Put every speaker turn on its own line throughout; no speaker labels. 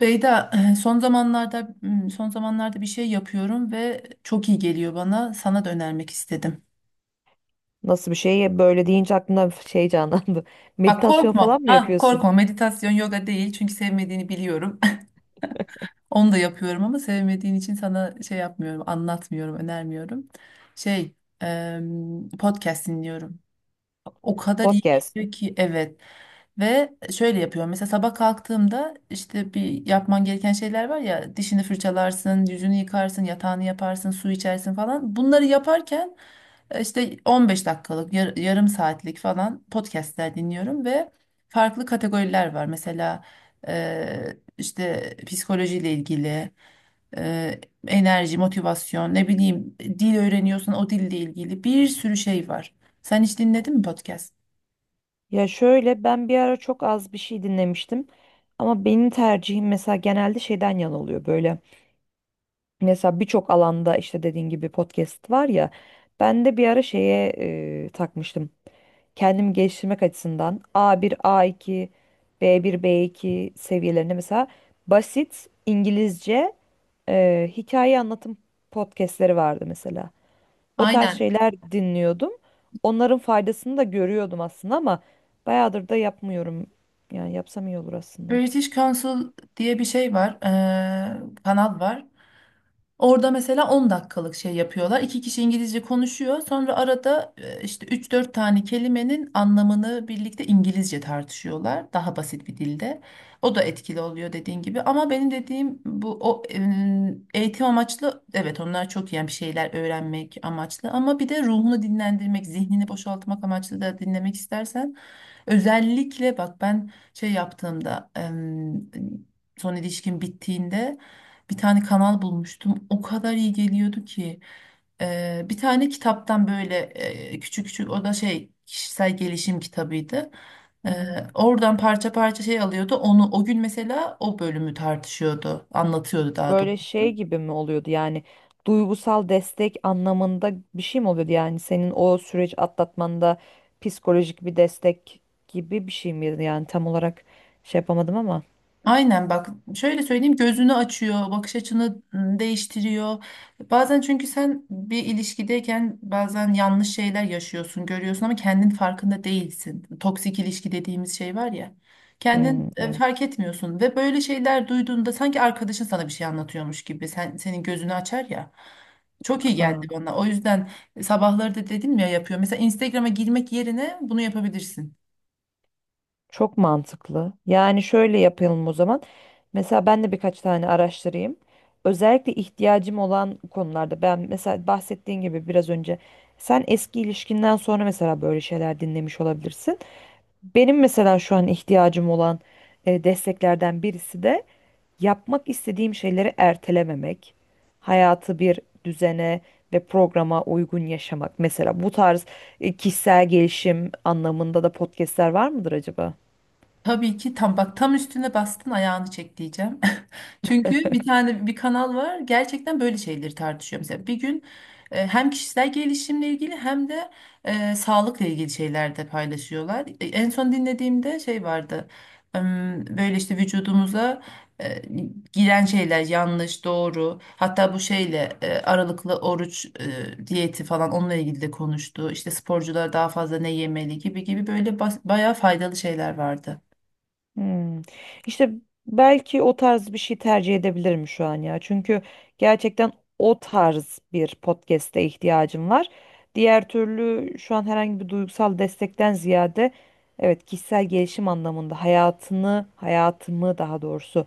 Beyda, son zamanlarda bir şey yapıyorum ve çok iyi geliyor bana. Sana da önermek istedim.
Nasıl bir şey? Böyle deyince aklımda bir şey canlandı.
Bak
Meditasyon
korkma.
falan mı
Ha,
yapıyorsun?
korkma. Meditasyon, yoga değil. Çünkü sevmediğini biliyorum. Onu da yapıyorum ama sevmediğin için sana şey yapmıyorum, anlatmıyorum, önermiyorum. Şey, podcast dinliyorum. O kadar iyi
Podcast.
geliyor ki, evet. Ve şöyle yapıyorum. Mesela sabah kalktığımda işte bir yapman gereken şeyler var ya, dişini fırçalarsın, yüzünü yıkarsın, yatağını yaparsın, su içersin falan. Bunları yaparken işte 15 dakikalık, yarım saatlik falan podcastler dinliyorum ve farklı kategoriler var. Mesela işte psikolojiyle ilgili, e, enerji, motivasyon, ne bileyim, dil öğreniyorsun, o dille ilgili bir sürü şey var. Sen hiç dinledin mi podcast?
Ya şöyle ben bir ara çok az bir şey dinlemiştim. Ama benim tercihim mesela genelde şeyden yana oluyor. Böyle mesela birçok alanda işte dediğin gibi podcast var ya. Ben de bir ara şeye takmıştım. Kendimi geliştirmek açısından A1 A2 B1 B2 seviyelerinde mesela basit İngilizce hikaye anlatım podcastleri vardı mesela. O tarz
Aynen.
şeyler dinliyordum. Onların faydasını da görüyordum aslında ama bayağıdır da yapmıyorum. Yani yapsam iyi olur aslında.
British Council diye bir şey var, kanal var. Orada mesela 10 dakikalık şey yapıyorlar. İki kişi İngilizce konuşuyor. Sonra arada işte üç dört tane kelimenin anlamını birlikte İngilizce tartışıyorlar. Daha basit bir dilde. O da etkili oluyor, dediğin gibi. Ama benim dediğim bu o eğitim amaçlı, evet, onlar çok iyi yani, bir şeyler öğrenmek amaçlı, ama bir de ruhunu dinlendirmek, zihnini boşaltmak amaçlı da dinlemek istersen, özellikle bak, ben şey yaptığımda, son ilişkim bittiğinde bir tane kanal bulmuştum. O kadar iyi geliyordu ki. Bir tane kitaptan böyle küçük küçük, o da şey, kişisel gelişim kitabıydı.
Hı
Ee,
hı.
oradan parça parça şey alıyordu. Onu o gün mesela o bölümü tartışıyordu, anlatıyordu daha
Böyle şey
doğrusu.
gibi mi oluyordu yani duygusal destek anlamında bir şey mi oluyordu yani senin o süreç atlatmanda psikolojik bir destek gibi bir şey miydi yani tam olarak şey yapamadım ama.
Aynen bak, şöyle söyleyeyim, gözünü açıyor, bakış açını değiştiriyor. Bazen çünkü sen bir ilişkideyken bazen yanlış şeyler yaşıyorsun, görüyorsun ama kendin farkında değilsin. Toksik ilişki dediğimiz şey var ya.
Hmm,
Kendin
evet.
fark etmiyorsun ve böyle şeyler duyduğunda sanki arkadaşın sana bir şey anlatıyormuş gibi sen, senin gözünü açar ya. Çok iyi geldi
Ha.
bana. O yüzden sabahları da dedim ya, yapıyor. Mesela Instagram'a girmek yerine bunu yapabilirsin.
Çok mantıklı. Yani şöyle yapalım o zaman. Mesela ben de birkaç tane araştırayım. Özellikle ihtiyacım olan konularda ben mesela bahsettiğin gibi biraz önce sen eski ilişkinden sonra mesela böyle şeyler dinlemiş olabilirsin. Benim mesela şu an ihtiyacım olan desteklerden birisi de yapmak istediğim şeyleri ertelememek, hayatı bir düzene ve programa uygun yaşamak. Mesela bu tarz kişisel gelişim anlamında da podcastler var mıdır acaba?
Tabii ki, tam bak, tam üstüne bastın, ayağını çek diyeceğim. Çünkü bir tane bir kanal var, gerçekten böyle şeyleri tartışıyor. Mesela bir gün hem kişisel gelişimle ilgili hem de sağlıkla ilgili şeyler de paylaşıyorlar. E, en son dinlediğimde şey vardı, böyle işte vücudumuza e, giren şeyler yanlış doğru, hatta bu şeyle aralıklı oruç diyeti falan, onunla ilgili de konuştu. İşte sporcular daha fazla ne yemeli gibi gibi, böyle bayağı faydalı şeyler vardı.
Hmm. İşte belki o tarz bir şey tercih edebilirim şu an ya. Çünkü gerçekten o tarz bir podcast'e ihtiyacım var. Diğer türlü şu an herhangi bir duygusal destekten ziyade evet kişisel gelişim anlamında hayatını, hayatımı daha doğrusu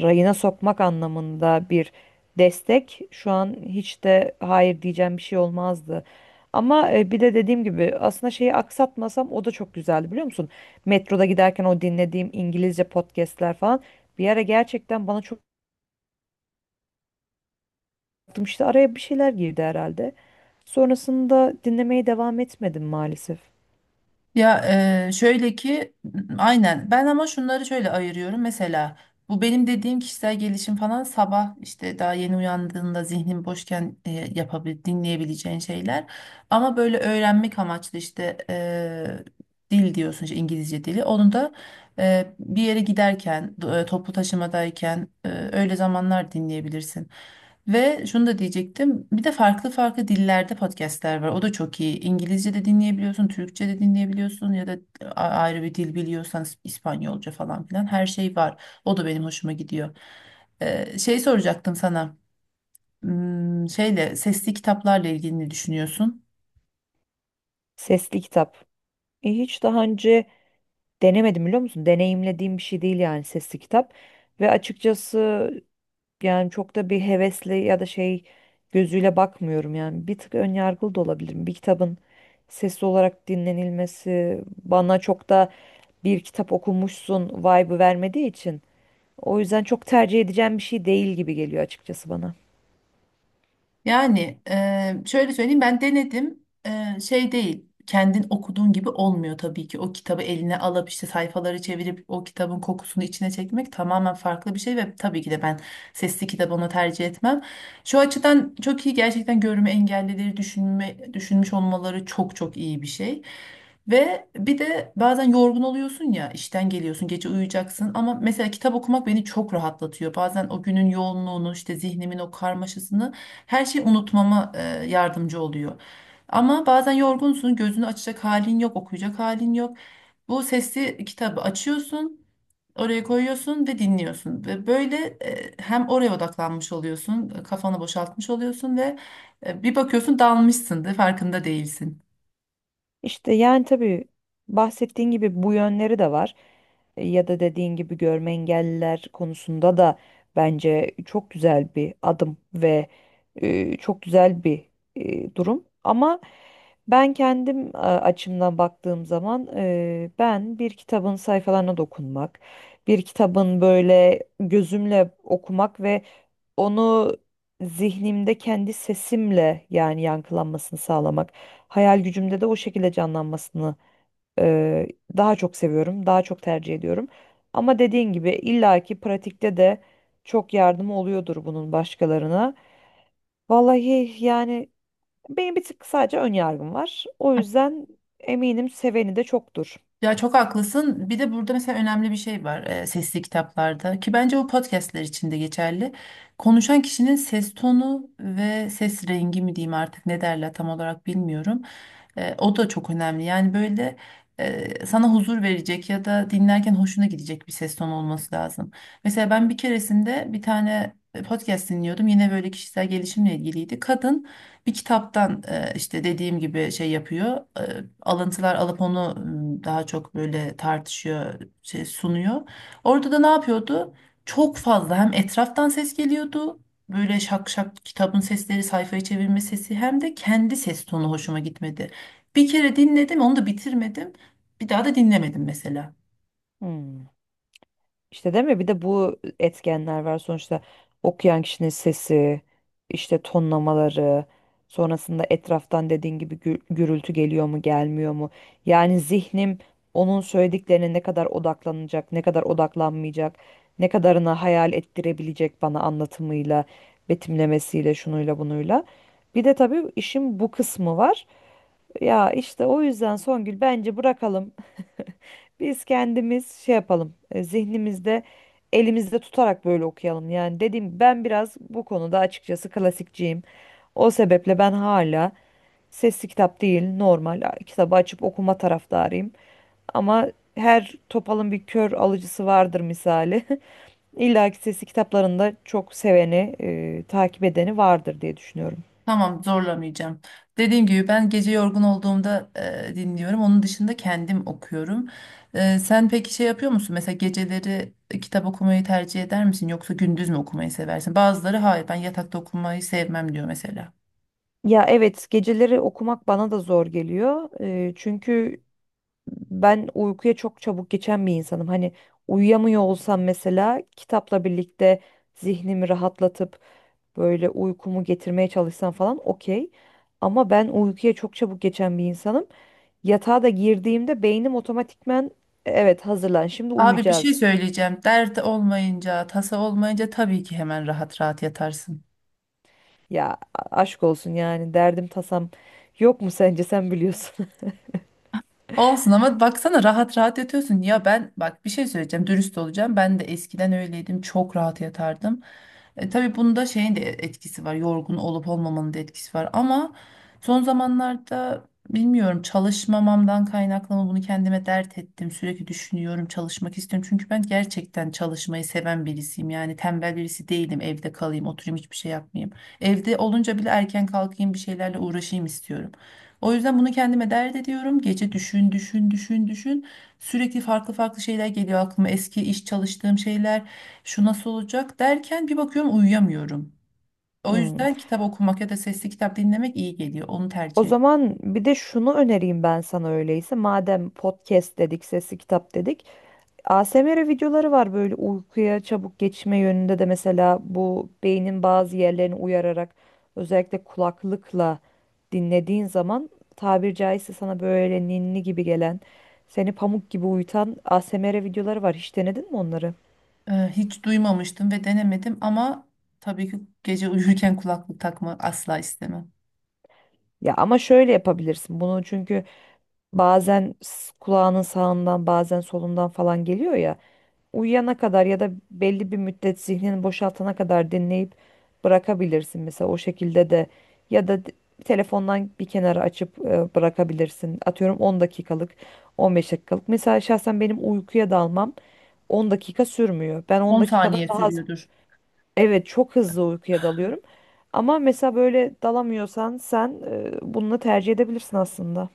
rayına sokmak anlamında bir destek şu an hiç de hayır diyeceğim bir şey olmazdı. Ama bir de dediğim gibi aslında şeyi aksatmasam o da çok güzeldi biliyor musun? Metroda giderken o dinlediğim İngilizce podcastler falan bir ara gerçekten bana çok işte araya bir şeyler girdi herhalde. Sonrasında dinlemeye devam etmedim maalesef.
Ya şöyle ki, aynen ben, ama şunları şöyle ayırıyorum mesela, bu benim dediğim kişisel gelişim falan, sabah işte daha yeni uyandığında zihnin boşken dinleyebileceğin şeyler, ama böyle öğrenmek amaçlı, işte dil diyorsun işte, İngilizce dili, onu da bir yere giderken toplu taşımadayken, öyle zamanlar dinleyebilirsin. Ve şunu da diyecektim. Bir de farklı farklı dillerde podcastler var. O da çok iyi. İngilizce de dinleyebiliyorsun, Türkçe de dinleyebiliyorsun, ya da ayrı bir dil biliyorsan İspanyolca falan filan, her şey var. O da benim hoşuma gidiyor. Şey soracaktım sana. Şeyle, sesli kitaplarla ilgili ne düşünüyorsun?
Sesli kitap. Hiç daha önce denemedim biliyor musun? Deneyimlediğim bir şey değil yani sesli kitap. Ve açıkçası yani çok da bir hevesli ya da şey gözüyle bakmıyorum yani. Bir tık ön yargılı da olabilirim. Bir kitabın sesli olarak dinlenilmesi bana çok da bir kitap okumuşsun vibe'ı vermediği için. O yüzden çok tercih edeceğim bir şey değil gibi geliyor açıkçası bana.
Yani şöyle söyleyeyim, ben denedim. Şey değil, kendin okuduğun gibi olmuyor tabii ki, o kitabı eline alıp işte sayfaları çevirip o kitabın kokusunu içine çekmek tamamen farklı bir şey ve tabii ki de ben sesli kitabı ona tercih etmem. Şu açıdan çok iyi gerçekten, görme engellileri düşünme, düşünmüş olmaları çok çok iyi bir şey. Ve bir de bazen yorgun oluyorsun ya, işten geliyorsun, gece uyuyacaksın, ama mesela kitap okumak beni çok rahatlatıyor. Bazen o günün yoğunluğunu, işte zihnimin o karmaşasını, her şeyi unutmama yardımcı oluyor. Ama bazen yorgunsun, gözünü açacak halin yok, okuyacak halin yok. Bu sesli kitabı açıyorsun, oraya koyuyorsun ve dinliyorsun. Ve böyle hem oraya odaklanmış oluyorsun, kafanı boşaltmış oluyorsun ve bir bakıyorsun dalmışsın da farkında değilsin.
İşte yani tabii bahsettiğin gibi bu yönleri de var. Ya da dediğin gibi görme engelliler konusunda da bence çok güzel bir adım ve çok güzel bir durum. Ama ben kendim açımdan baktığım zaman ben bir kitabın sayfalarına dokunmak, bir kitabın böyle gözümle okumak ve onu zihnimde kendi sesimle yani yankılanmasını sağlamak, hayal gücümde de o şekilde canlanmasını e, daha çok seviyorum, daha çok tercih ediyorum. Ama dediğin gibi illaki pratikte de çok yardımı oluyordur bunun başkalarına. Vallahi yani benim bir tık sadece ön yargım var. O yüzden eminim seveni de çoktur.
Ya çok haklısın. Bir de burada mesela önemli bir şey var sesli kitaplarda ki bence bu podcastler için de geçerli. Konuşan kişinin ses tonu ve ses rengi mi diyeyim artık, ne derler tam olarak bilmiyorum. E, o da çok önemli. Yani böyle sana huzur verecek ya da dinlerken hoşuna gidecek bir ses tonu olması lazım. Mesela ben bir keresinde bir tane podcast dinliyordum. Yine böyle kişisel gelişimle ilgiliydi. Kadın bir kitaptan işte dediğim gibi şey yapıyor. Alıntılar alıp onu daha çok böyle tartışıyor, şey sunuyor. Orada da ne yapıyordu? Çok fazla hem etraftan ses geliyordu. Böyle şak şak kitabın sesleri, sayfayı çevirme sesi, hem de kendi ses tonu hoşuma gitmedi. Bir kere dinledim, onu da bitirmedim. Bir daha da dinlemedim mesela.
Hmm. İşte değil mi? Bir de bu etkenler var sonuçta okuyan kişinin sesi, işte tonlamaları, sonrasında etraftan dediğin gibi gürültü geliyor mu, gelmiyor mu? Yani zihnim onun söylediklerine ne kadar odaklanacak, ne kadar odaklanmayacak, ne kadarını hayal ettirebilecek bana anlatımıyla, betimlemesiyle, şunuyla bunuyla. Bir de tabii işin bu kısmı var. Ya işte o yüzden Songül bence bırakalım biz kendimiz şey yapalım, zihnimizde elimizde tutarak böyle okuyalım. Yani dediğim ben biraz bu konuda açıkçası klasikçiyim. O sebeple ben hala sesli kitap değil normal kitabı açıp okuma taraftarıyım. Ama her topalın bir kör alıcısı vardır misali. İlla ki sesli kitaplarında çok seveni, takip edeni vardır diye düşünüyorum.
Tamam, zorlamayacağım. Dediğim gibi ben gece yorgun olduğumda dinliyorum. Onun dışında kendim okuyorum. E, sen peki şey yapıyor musun? Mesela geceleri kitap okumayı tercih eder misin? Yoksa gündüz mü okumayı seversin? Bazıları hayır ben yatakta okumayı sevmem diyor mesela.
Ya evet geceleri okumak bana da zor geliyor. Çünkü ben uykuya çok çabuk geçen bir insanım. Hani uyuyamıyor olsam mesela kitapla birlikte zihnimi rahatlatıp böyle uykumu getirmeye çalışsam falan okey. Ama ben uykuya çok çabuk geçen bir insanım. Yatağa da girdiğimde beynim otomatikmen evet hazırlan şimdi
Abi bir şey
uyuyacağız.
söyleyeceğim. Dert olmayınca, tasa olmayınca tabii ki hemen rahat rahat yatarsın.
Ya aşk olsun yani derdim tasam yok mu sence sen biliyorsun.
Olsun ama baksana rahat rahat yatıyorsun. Ya ben bak, bir şey söyleyeceğim, dürüst olacağım. Ben de eskiden öyleydim, çok rahat yatardım. E, tabii bunda şeyin de etkisi var, yorgun olup olmamanın da etkisi var. Ama son zamanlarda bilmiyorum, çalışmamamdan kaynaklı mı, bunu kendime dert ettim. Sürekli düşünüyorum, çalışmak istiyorum. Çünkü ben gerçekten çalışmayı seven birisiyim. Yani tembel birisi değilim, evde kalayım, oturayım, hiçbir şey yapmayayım. Evde olunca bile erken kalkayım, bir şeylerle uğraşayım istiyorum. O yüzden bunu kendime dert ediyorum. Gece düşün, düşün, düşün, düşün. Sürekli farklı farklı şeyler geliyor aklıma. Eski iş, çalıştığım şeyler, şu nasıl olacak derken, bir bakıyorum uyuyamıyorum. O
Hmm.
yüzden kitap okumak ya da sesli kitap dinlemek iyi geliyor. Onu
O
tercih ediyorum.
zaman bir de şunu önereyim ben sana öyleyse. Madem podcast dedik, sesli kitap dedik. ASMR videoları var böyle uykuya çabuk geçme yönünde de mesela bu beynin bazı yerlerini uyararak özellikle kulaklıkla dinlediğin zaman tabir caizse sana böyle ninni gibi gelen, seni pamuk gibi uyutan ASMR videoları var. Hiç denedin mi onları?
Hiç duymamıştım ve denemedim, ama tabii ki gece uyurken kulaklık takma asla istemem.
Ya ama şöyle yapabilirsin bunu çünkü bazen kulağının sağından bazen solundan falan geliyor ya. Uyuyana kadar ya da belli bir müddet zihnini boşaltana kadar dinleyip bırakabilirsin mesela o şekilde de ya da telefondan bir kenara açıp bırakabilirsin. Atıyorum 10 dakikalık, 15 dakikalık. Mesela şahsen benim uykuya dalmam 10 dakika sürmüyor. Ben 10
10
dakikadan
saniye
daha az
sürüyordur.
evet çok hızlı uykuya dalıyorum. Ama mesela böyle dalamıyorsan sen bunu tercih edebilirsin aslında.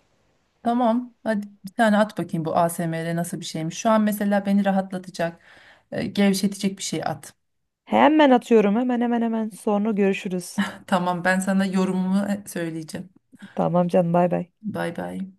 Tamam. Hadi bir tane at bakayım, bu ASMR nasıl bir şeymiş. Şu an mesela beni rahatlatacak, gevşetecek bir şey at.
Hemen atıyorum hemen hemen hemen sonra görüşürüz.
Tamam, ben sana yorumumu söyleyeceğim.
Tamam canım bay bay.
Bay bay.